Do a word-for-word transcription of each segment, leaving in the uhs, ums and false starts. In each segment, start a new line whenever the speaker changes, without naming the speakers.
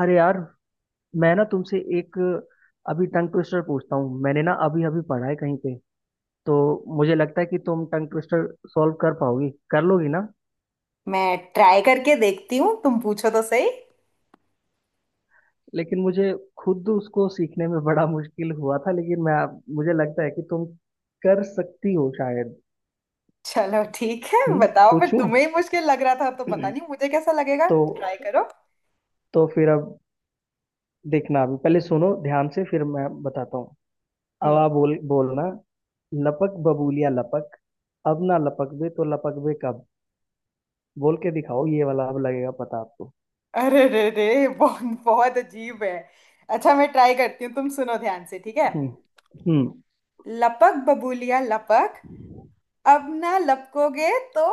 अरे यार, मैं ना तुमसे एक अभी टंग ट्विस्टर पूछता हूँ। मैंने ना अभी अभी पढ़ा है कहीं पे। तो मुझे लगता है कि तुम टंग ट्विस्टर सॉल्व कर पाओगी, कर लोगी ना।
मैं ट्राई करके देखती हूँ। तुम पूछो तो सही।
लेकिन मुझे खुद उसको सीखने में बड़ा मुश्किल हुआ था। लेकिन मैं मुझे लगता है कि तुम कर सकती हो शायद।
चलो, ठीक है,
हम्म।
बताओ फिर।
पूछूं?
तुम्हें ही मुश्किल लग रहा था तो पता नहीं मुझे कैसा लगेगा।
तो
ट्राई करो।
तो फिर अब देखना, अभी पहले सुनो ध्यान से फिर मैं बताता हूँ। अब
हम्म।
आप बोल बोलना, लपक बबूलिया लपक, अब ना लपक बे तो लपक बे कब। बोल के दिखाओ, ये वाला अब लगेगा पता आपको।
अरे रे रे, बहुत बहुत अजीब है। अच्छा, मैं ट्राई करती हूँ, तुम सुनो ध्यान से, ठीक है।
हम्म। हम्म।
लपक बबूलिया लपक, अब ना लपकोगे तो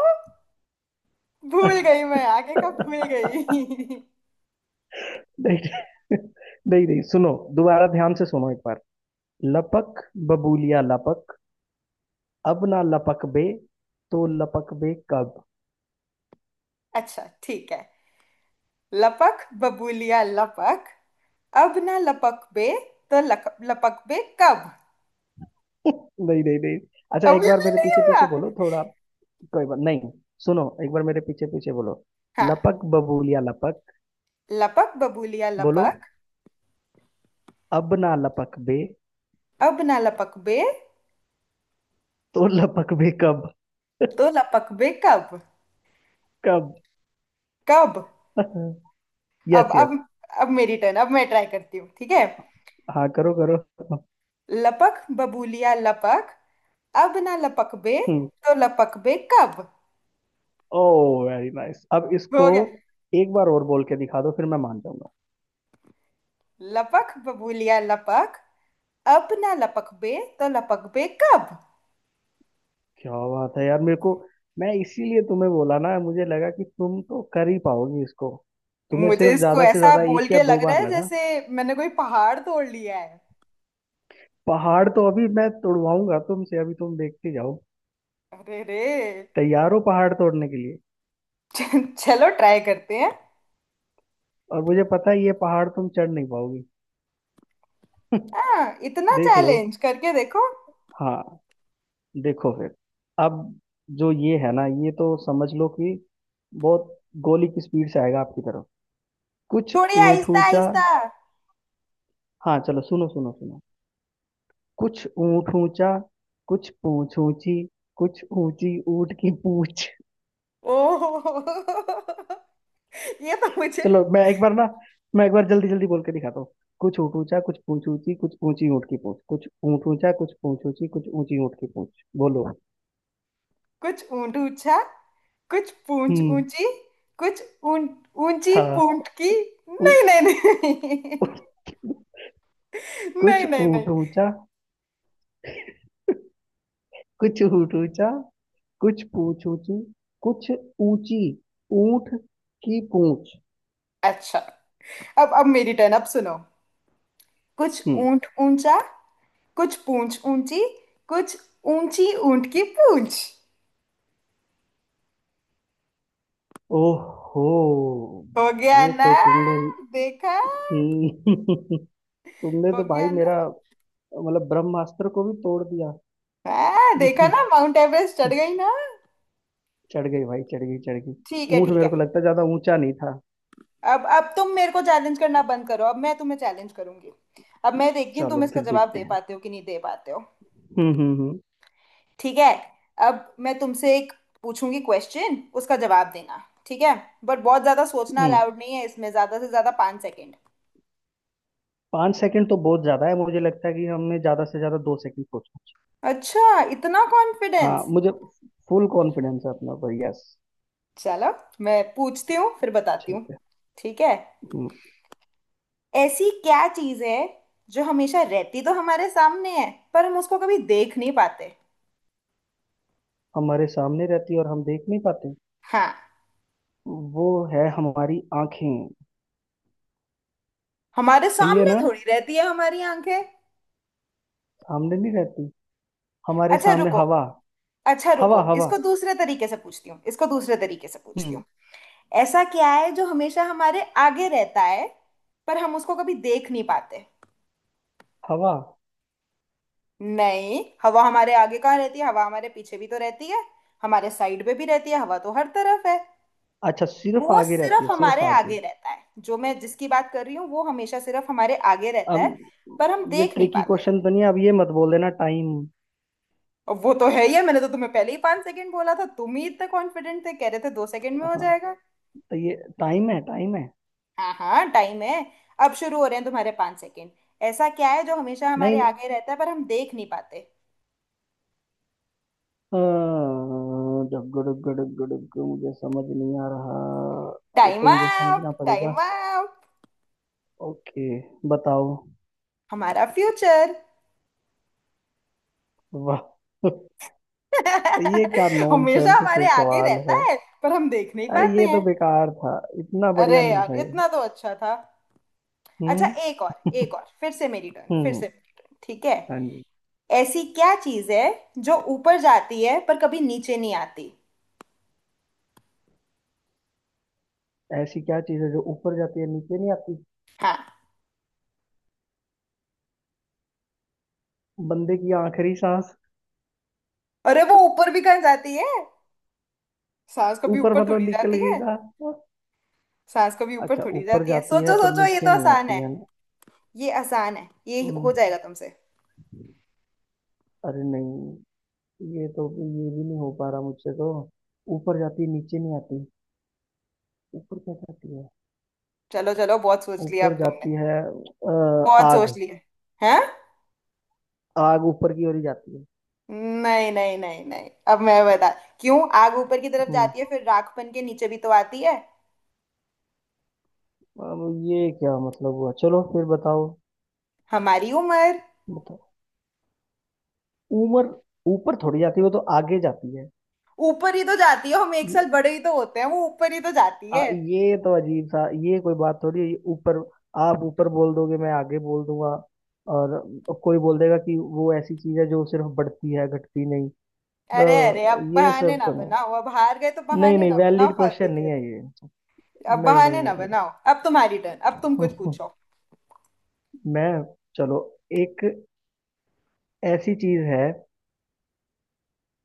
भूल गई, मैं आगे का भूल गई।
नहीं। नहीं नहीं, सुनो दोबारा ध्यान से सुनो एक बार। लपक बबूलिया लपक, अब ना लपक बे, तो लपक बे कब।
अच्छा, ठीक है। लपक बबूलिया लपक, अब ना लपक बे, तो लक, लपक बे कब।
नहीं नहीं नहीं। अच्छा, एक
अभी
बार
भी
मेरे
नहीं
पीछे पीछे
हुआ।
बोलो थोड़ा। कोई बात नहीं, सुनो एक बार मेरे पीछे पीछे बोलो।
हाँ।
लपक बबूलिया लपक।
लपक बबूलिया
बोलो,
लपक,
अब ना लपक बे।
अब ना लपक बे,
तो लपक बे कब।
तो लपक बे कब।
कब।
कब। अब
यस यस।
अब अब मेरी टर्न, अब मैं ट्राई करती हूँ, ठीक है।
हाँ, करो करो।
लपक बबूलिया लपक, अब ना लपक बे,
हम्म।
तो लपक बे कब।
ओह वेरी नाइस, अब
हो
इसको
गया।
एक बार और बोल के दिखा दो, फिर मैं मान जाऊंगा।
लपक बबूलिया लपक, अब ना लपक बे तो लपक बे कब।
क्या बात है यार। मेरे को, मैं इसीलिए तुम्हें बोला ना, मुझे लगा कि तुम तो कर ही पाओगी इसको। तुम्हें
मुझे
सिर्फ
इसको
ज्यादा से
ऐसा
ज्यादा
बोल
एक या
के
दो
लग रहा
बार
है
लगा।
जैसे मैंने कोई पहाड़ तोड़ लिया है।
पहाड़ तो अभी मैं तोड़वाऊंगा तुमसे, अभी तुम देखते जाओ।
अरे रे।
तैयार हो पहाड़ तोड़ने के लिए?
चलो, ट्राई करते हैं।
और मुझे पता है ये पहाड़ तुम चढ़ नहीं पाओगी।
हाँ, इतना
देख लो।
चैलेंज करके देखो।
हाँ। देखो फिर। अब जो ये है ना, ये तो समझ लो कि बहुत गोली की स्पीड से आएगा आपकी तरफ। कुछ
थोड़ी
ऊँट
आहिस्ता
ऊँचा।
आहिस्ता।
हाँ चलो, सुनो सुनो सुनो। कुछ ऊँट ऊँचा, कुछ पूँछ ऊँची, कुछ ऊँची ऊँट की पूँछ।
ओह, ये तो मुझे
चलो मैं एक बार ना, मैं एक बार जल्दी जल्दी बोल के दिखाता हूँ। कुछ ऊँट ऊँचा कुछ पूँछ ऊँची कुछ ऊँची ऊँट की पूँछ, कुछ ऊँट ऊँचा कुछ पूँछ ऊँची कुछ ऊँची ऊँट की पूँछ, बोलो।
कुछ ऊंट ऊंचा, कुछ पूंछ
हम्म।
ऊंची, कुछ ऊंट ऊंची
हाँ।
पूंछ की।
उ-
नहीं नहीं नहीं।
उ-
नहीं
कुछ
नहीं नहीं।
ऊँट ऊँचा, कुछ ऊँट ऊँचा, कुछ पूँछ ऊँची, कुछ ऊँची ऊँट की पूँछ।
अच्छा। अब अब मेरी टर्न, अब सुनो। कुछ
हम्म।
ऊंट ऊंचा, कुछ पूंछ ऊंची, कुछ ऊंची ऊंट की पूंछ।
ओहो,
हो गया
ये
ना।
तो तुमने।
देखा।
हम्म। तुमने
हो
तो भाई
गया।
मेरा, मतलब ब्रह्मास्त्र को भी तोड़ दिया।
हाँ, देखा ना, माउंट एवरेस्ट चढ़ गई ना।
चढ़ गई भाई, चढ़ गई, चढ़ गई।
ठीक है,
ऊंट
ठीक है।
मेरे को लगता है ज्यादा ऊंचा नहीं था।
अब अब तुम मेरे को चैलेंज करना बंद करो, अब मैं तुम्हें चैलेंज करूंगी। अब मैं देखती हूँ तुम
चलो
इसका
फिर
जवाब
देखते
दे
हैं।
पाते हो कि नहीं दे पाते हो।
हम्म हम्म हम्म।
ठीक है। अब मैं तुमसे एक पूछूंगी क्वेश्चन, उसका जवाब देना, ठीक है। बट बहुत ज्यादा सोचना
हम्म।
अलाउड नहीं है इसमें, ज्यादा से ज्यादा पाँच सेकेंड।
पाँच सेकंड तो बहुत ज्यादा है, मुझे लगता है कि हमने ज्यादा से ज्यादा दो सेकंड सोचना चाहिए।
अच्छा, इतना
हाँ,
कॉन्फिडेंस।
मुझे फुल कॉन्फिडेंस है अपना पर। यस।
चलो, मैं पूछती हूँ फिर बताती हूँ।
ठीक है।
ठीक है।
हम्म।
ऐसी क्या चीज है जो हमेशा रहती तो हमारे सामने है पर हम उसको कभी देख नहीं पाते।
हमारे सामने रहती है और हम देख नहीं पाते।
हाँ।
वो है हमारी आंखें।
हमारे
सही है
सामने
ना?
थोड़ी रहती है हमारी आंखें।
सामने नहीं रहती। हमारे
अच्छा
सामने
रुको।
हवा।
अच्छा रुको,
हवा, हवा।
इसको दूसरे तरीके से पूछती हूँ, इसको दूसरे तरीके से पूछती
हम्म।
हूँ। ऐसा क्या है जो हमेशा हमारे आगे रहता है पर हम उसको कभी देख नहीं पाते।
हवा।
नहीं, हवा हमारे आगे कहाँ रहती है, हवा हमारे पीछे भी तो रहती है, हमारे साइड पे भी रहती है, हवा तो हर तरफ है।
अच्छा, सिर्फ
वो
आगे रहती
सिर्फ
है, सिर्फ
हमारे
आगे?
आगे रहता है जो मैं जिसकी बात कर रही हूँ, वो हमेशा सिर्फ हमारे आगे रहता
अब
है पर हम
ये
देख नहीं
ट्रिकी
पाते।
क्वेश्चन तो नहीं है? अब ये मत बोल देना टाइम।
और वो तो है ही है, मैंने तो तुम्हें पहले ही पांच सेकंड बोला था, तुम ही इतने कॉन्फिडेंट थे, कह रहे थे दो सेकंड में हो
हाँ,
जाएगा।
तो ये टाइम है, टाइम है।
हाँ हाँ, टाइम है। अब शुरू हो रहे हैं तुम्हारे पांच सेकंड। ऐसा क्या है जो हमेशा हमारे
नहीं।
आगे रहता है पर हम देख नहीं पाते।
अ, डग्गो डग्गो डग्गो डग्गो, मुझे समझ नहीं आ रहा। ये
टाइम
तो मुझे
अप,
समझना
टाइम
पड़ेगा।
अप।
ओके, बताओ।
हमारा फ्यूचर।
वाह। ये क्या
हमेशा
नॉनसेंस
हमारे
से
आगे
सवाल
रहता
है।
है पर हम देख नहीं
अरे
पाते
ये
हैं।
तो बेकार था, इतना
अरे
बढ़िया नहीं
यार,
था ये।
इतना तो अच्छा था। अच्छा,
हम्म।
एक और, एक और, फिर से मेरी टर्न, फिर
हम्म।
से मेरी टर्न, ठीक है।
हाँ जी।
ऐसी क्या चीज है जो ऊपर जाती है पर कभी नीचे नहीं आती।
ऐसी क्या चीज है जो ऊपर जाती है नीचे नहीं आती?
हाँ।
बंदे की आखिरी सांस।
अरे वो ऊपर भी कहाँ जाती है, सांस कभी
ऊपर
ऊपर थोड़ी
मतलब निकल
जाती
गई
है।
था।
सांस कभी ऊपर
अच्छा,
थोड़ी
ऊपर
जाती है,
जाती है
सोचो
पर
सोचो, ये तो
नीचे नहीं
आसान
आती
है।
है ना?
ये आसान है, ये हो
हम्म।
जाएगा तुमसे।
अरे नहीं। ये तो ये भी नहीं हो पा रहा मुझसे तो। ऊपर जाती है नीचे नहीं आती। ऊपर क्या जाती है?
चलो चलो, बहुत सोच लिया
ऊपर
अब तुमने।
जाती है अ,
बहुत सोच
आग।
लिया। हैं।
आग ऊपर की ओर ही जाती है।
नहीं नहीं नहीं नहीं, अब मैं बता, क्यों आग ऊपर की तरफ
हम्म।
जाती है फिर राख बन के नीचे भी तो आती है।
अब ये क्या मतलब हुआ, चलो फिर बताओ।
हमारी उम्र।
बताओ। उम्र ऊपर थोड़ी जाती है, वो तो आगे जाती है।
ऊपर ही तो जाती है, हम एक साल
ये
बड़े ही तो होते हैं, वो ऊपर ही तो जाती
आ,
है।
ये तो अजीब सा, ये कोई बात थोड़ी है। ये ऊपर, आप ऊपर बोल दोगे, मैं आगे बोल दूंगा। और कोई बोल देगा कि वो ऐसी चीज है जो सिर्फ बढ़ती है घटती नहीं।
अरे अरे,
तो
अब
ये
बहाने
सब
ना
तो।
बनाओ, अब हार गए तो
नहीं नहीं
बहाने
नहीं,
ना बनाओ
वैलिड
फालतू
क्वेश्चन नहीं
के।
है ये।
अब
नहीं नहीं
बहाने ना
नहीं।
बनाओ, अब तुम्हारी टर्न, अब तुम कुछ
नहीं।
पूछो।
मैं, चलो, एक ऐसी चीज है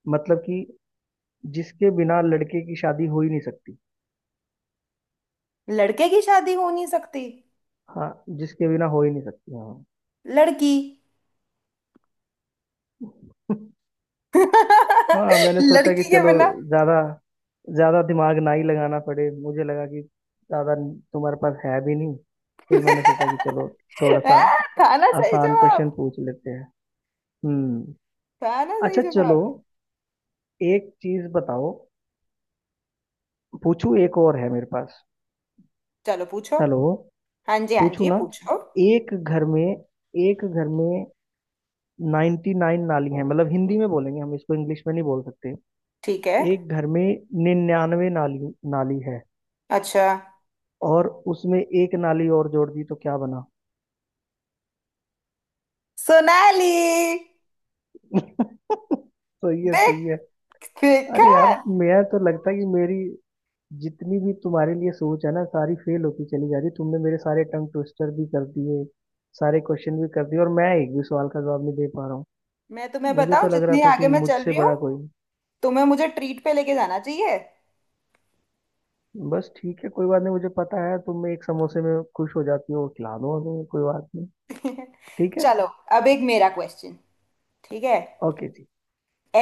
मतलब कि जिसके बिना लड़के की शादी हो ही नहीं सकती।
लड़के की शादी हो नहीं सकती।
हाँ। जिसके बिना हो ही नहीं सकती।
लड़की।
हाँ। हाँ, मैंने सोचा कि
लड़की के
चलो
बिना।
ज्यादा, ज्यादा दिमाग ना ही लगाना पड़े। मुझे लगा कि ज्यादा तुम्हारे पास है भी नहीं। फिर मैंने सोचा कि चलो थोड़ा सा
हाँ, था ना सही
आसान क्वेश्चन
जवाब।
पूछ लेते हैं। हम्म।
था ना सही
अच्छा चलो,
जवाब।
एक चीज बताओ। पूछू, एक और है मेरे पास।
चलो पूछो।
हेलो।
हाँ जी हाँ
पूछू
जी,
ना?
पूछो।
एक घर में एक घर में नाइन्टी नाइन नाली है। मतलब हिंदी में बोलेंगे हम, इसको इंग्लिश में नहीं बोल सकते।
ठीक है।
एक घर में निन्यानवे नाली नाली है,
अच्छा।
और उसमें एक नाली और जोड़ दी तो क्या बना?
सोनाली।
सही है, सही है।
देख। देखा।
अरे यार, मैं तो लगता है कि मेरी जितनी भी तुम्हारे लिए सोच है ना, सारी फेल होती चली जा रही। तुमने मेरे सारे टंग ट्विस्टर भी कर दिए, सारे क्वेश्चन भी कर दिए, और मैं एक भी सवाल का जवाब नहीं दे पा रहा हूँ।
मैं तुम्हें
मुझे
बताऊं,
तो लग रहा
जितनी
था कि
आगे मैं चल
मुझसे
रही हूँ,
बड़ा कोई नहीं।
तुम्हें मुझे ट्रीट पे लेके जाना चाहिए।
बस, ठीक है कोई बात नहीं। मुझे पता है तुम एक समोसे में खुश हो जाती हो, खिला दो हमें, कोई बात नहीं। ठीक है।
चलो। अब एक मेरा क्वेश्चन। ठीक है।
ओके जी।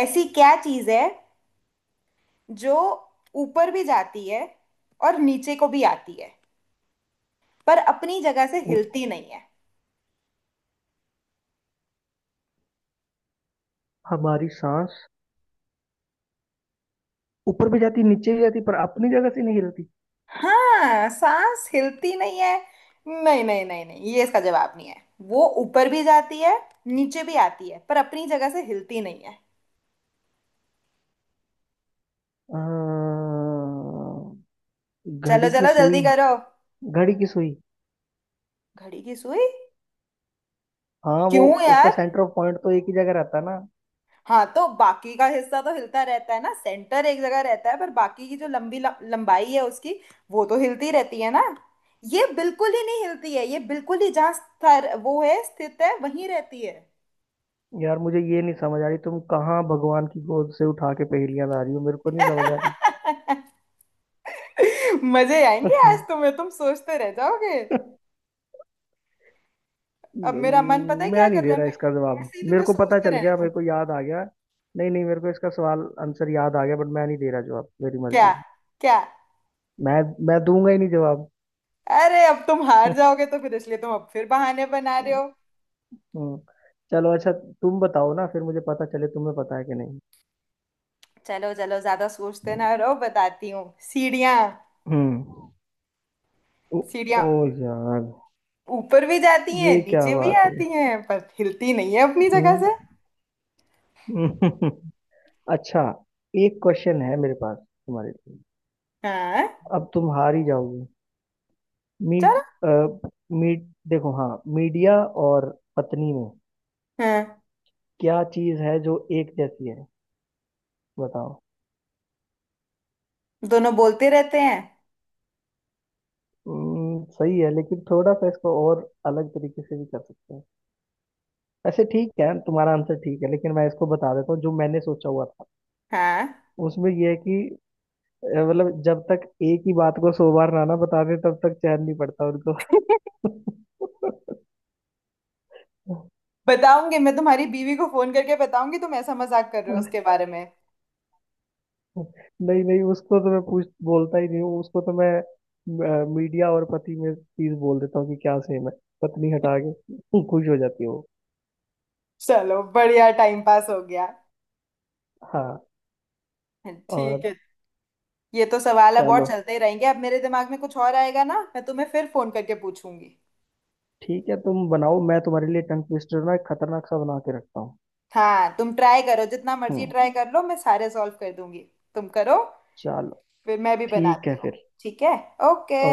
ऐसी क्या चीज है जो ऊपर भी जाती है और नीचे को भी आती है पर अपनी जगह से
उ-
हिलती नहीं है।
हमारी सांस। ऊपर भी जाती नीचे भी जाती पर अपनी जगह से नहीं हिलती।
हाँ, सांस हिलती नहीं है। नहीं नहीं नहीं नहीं, ये इसका जवाब नहीं है। वो ऊपर भी जाती है, नीचे भी आती है पर अपनी जगह से हिलती नहीं है।
अं,
चलो
घड़ी की
चलो, जल्दी
सुई।
करो।
घड़ी की सुई।
घड़ी की सुई।
हाँ, वो
क्यों
उसका
यार।
सेंटर ऑफ पॉइंट तो एक ही जगह रहता है ना।
हाँ, तो बाकी का हिस्सा तो हिलता रहता है ना, सेंटर एक जगह रहता है पर बाकी की जो लंबी ल- लंबाई है उसकी, वो तो हिलती रहती है ना। ये बिल्कुल ही नहीं हिलती है, ये बिल्कुल ही जहाँ स्तर वो है स्थित है वहीं रहती है।
यार मुझे ये नहीं समझ आ रही, तुम कहाँ भगवान की गोद से उठा के पहेलियां ला रही हो, मेरे को नहीं समझ आ रही।
मजे आएंगे आज तुम्हें, तुम सोचते रह जाओगे। अब
न-
मेरा मन पता है क्या
मैं नहीं
कर
दे
रहा है,
रहा
मैं
इसका जवाब।
ऐसे ही
मेरे
तुम्हें
को पता
सोचते
चल
रहने
गया,
दूं।
मेरे को याद आ गया। नहीं नहीं, मेरे को इसका सवाल, आंसर याद आ गया, बट मैं नहीं दे रहा जवाब, मेरी
क्या।
मर्जी।
क्या।
मैं मैं दूंगा ही नहीं जवाब।
अरे, अब तुम हार जाओगे तो फिर इसलिए तुम अब फिर बहाने बना रहे हो।
हम्म। चलो, अच्छा तुम बताओ ना फिर, मुझे पता चले तुम्हें पता है कि नहीं।
चलो चलो, ज्यादा सोचते ना रहो, बताती हूँ। सीढ़ियाँ।
हम्म। ओ।
सीढ़ियाँ
ओ यार,
ऊपर भी जाती हैं,
ये क्या
नीचे भी
बात है।
आती हैं पर हिलती नहीं है अपनी जगह
हम्म।
से।
अच्छा, एक क्वेश्चन है मेरे पास तुम्हारे लिए।
हाँ।
अब तुम हार ही जाओगे। मीट।
चलो।
मीट देखो, हाँ, मीडिया और पत्नी में
हाँ।
क्या चीज है जो एक जैसी है? बताओ।
दोनों बोलते रहते हैं।
हम्म, सही है, लेकिन थोड़ा सा इसको और अलग तरीके से भी कर सकते हैं। ऐसे ठीक है, तुम्हारा आंसर ठीक है, लेकिन मैं इसको बता देता हूँ जो मैंने सोचा हुआ था।
हाँ।
उसमें यह है कि, अ, मतलब, जब तक एक ही बात को सौ बार ना ना बता दे तब तक चैन नहीं पड़ता उनको।
बताऊंगी, मैं तुम्हारी बीवी को फोन करके बताऊंगी तुम ऐसा मजाक कर रहे हो उसके बारे में।
नहीं नहीं, उसको तो मैं पूछ बोलता ही नहीं हूँ। उसको तो मैं अ, मीडिया और पति में चीज बोल देता हूँ कि क्या सेम है। पत्नी हटा के खुश हो जाती है वो।
चलो, बढ़िया टाइम पास हो गया।
हाँ।
ठीक है।
और,
ये तो सवाल अब और
चलो
चलते ही रहेंगे, अब मेरे दिमाग में कुछ और आएगा ना, मैं तुम्हें फिर फोन करके पूछूंगी।
ठीक है, तुम बनाओ। मैं तुम्हारे लिए टंग ट्विस्टर ना एक खतरनाक सा बना के रखता हूँ।
हाँ, तुम ट्राई करो, जितना मर्जी
हम्म।
ट्राई कर लो, मैं सारे सॉल्व कर दूंगी। तुम करो।
चलो।
फिर मैं भी
ठीक है
बनाती हूँ।
फिर।
ठीक है। ओके।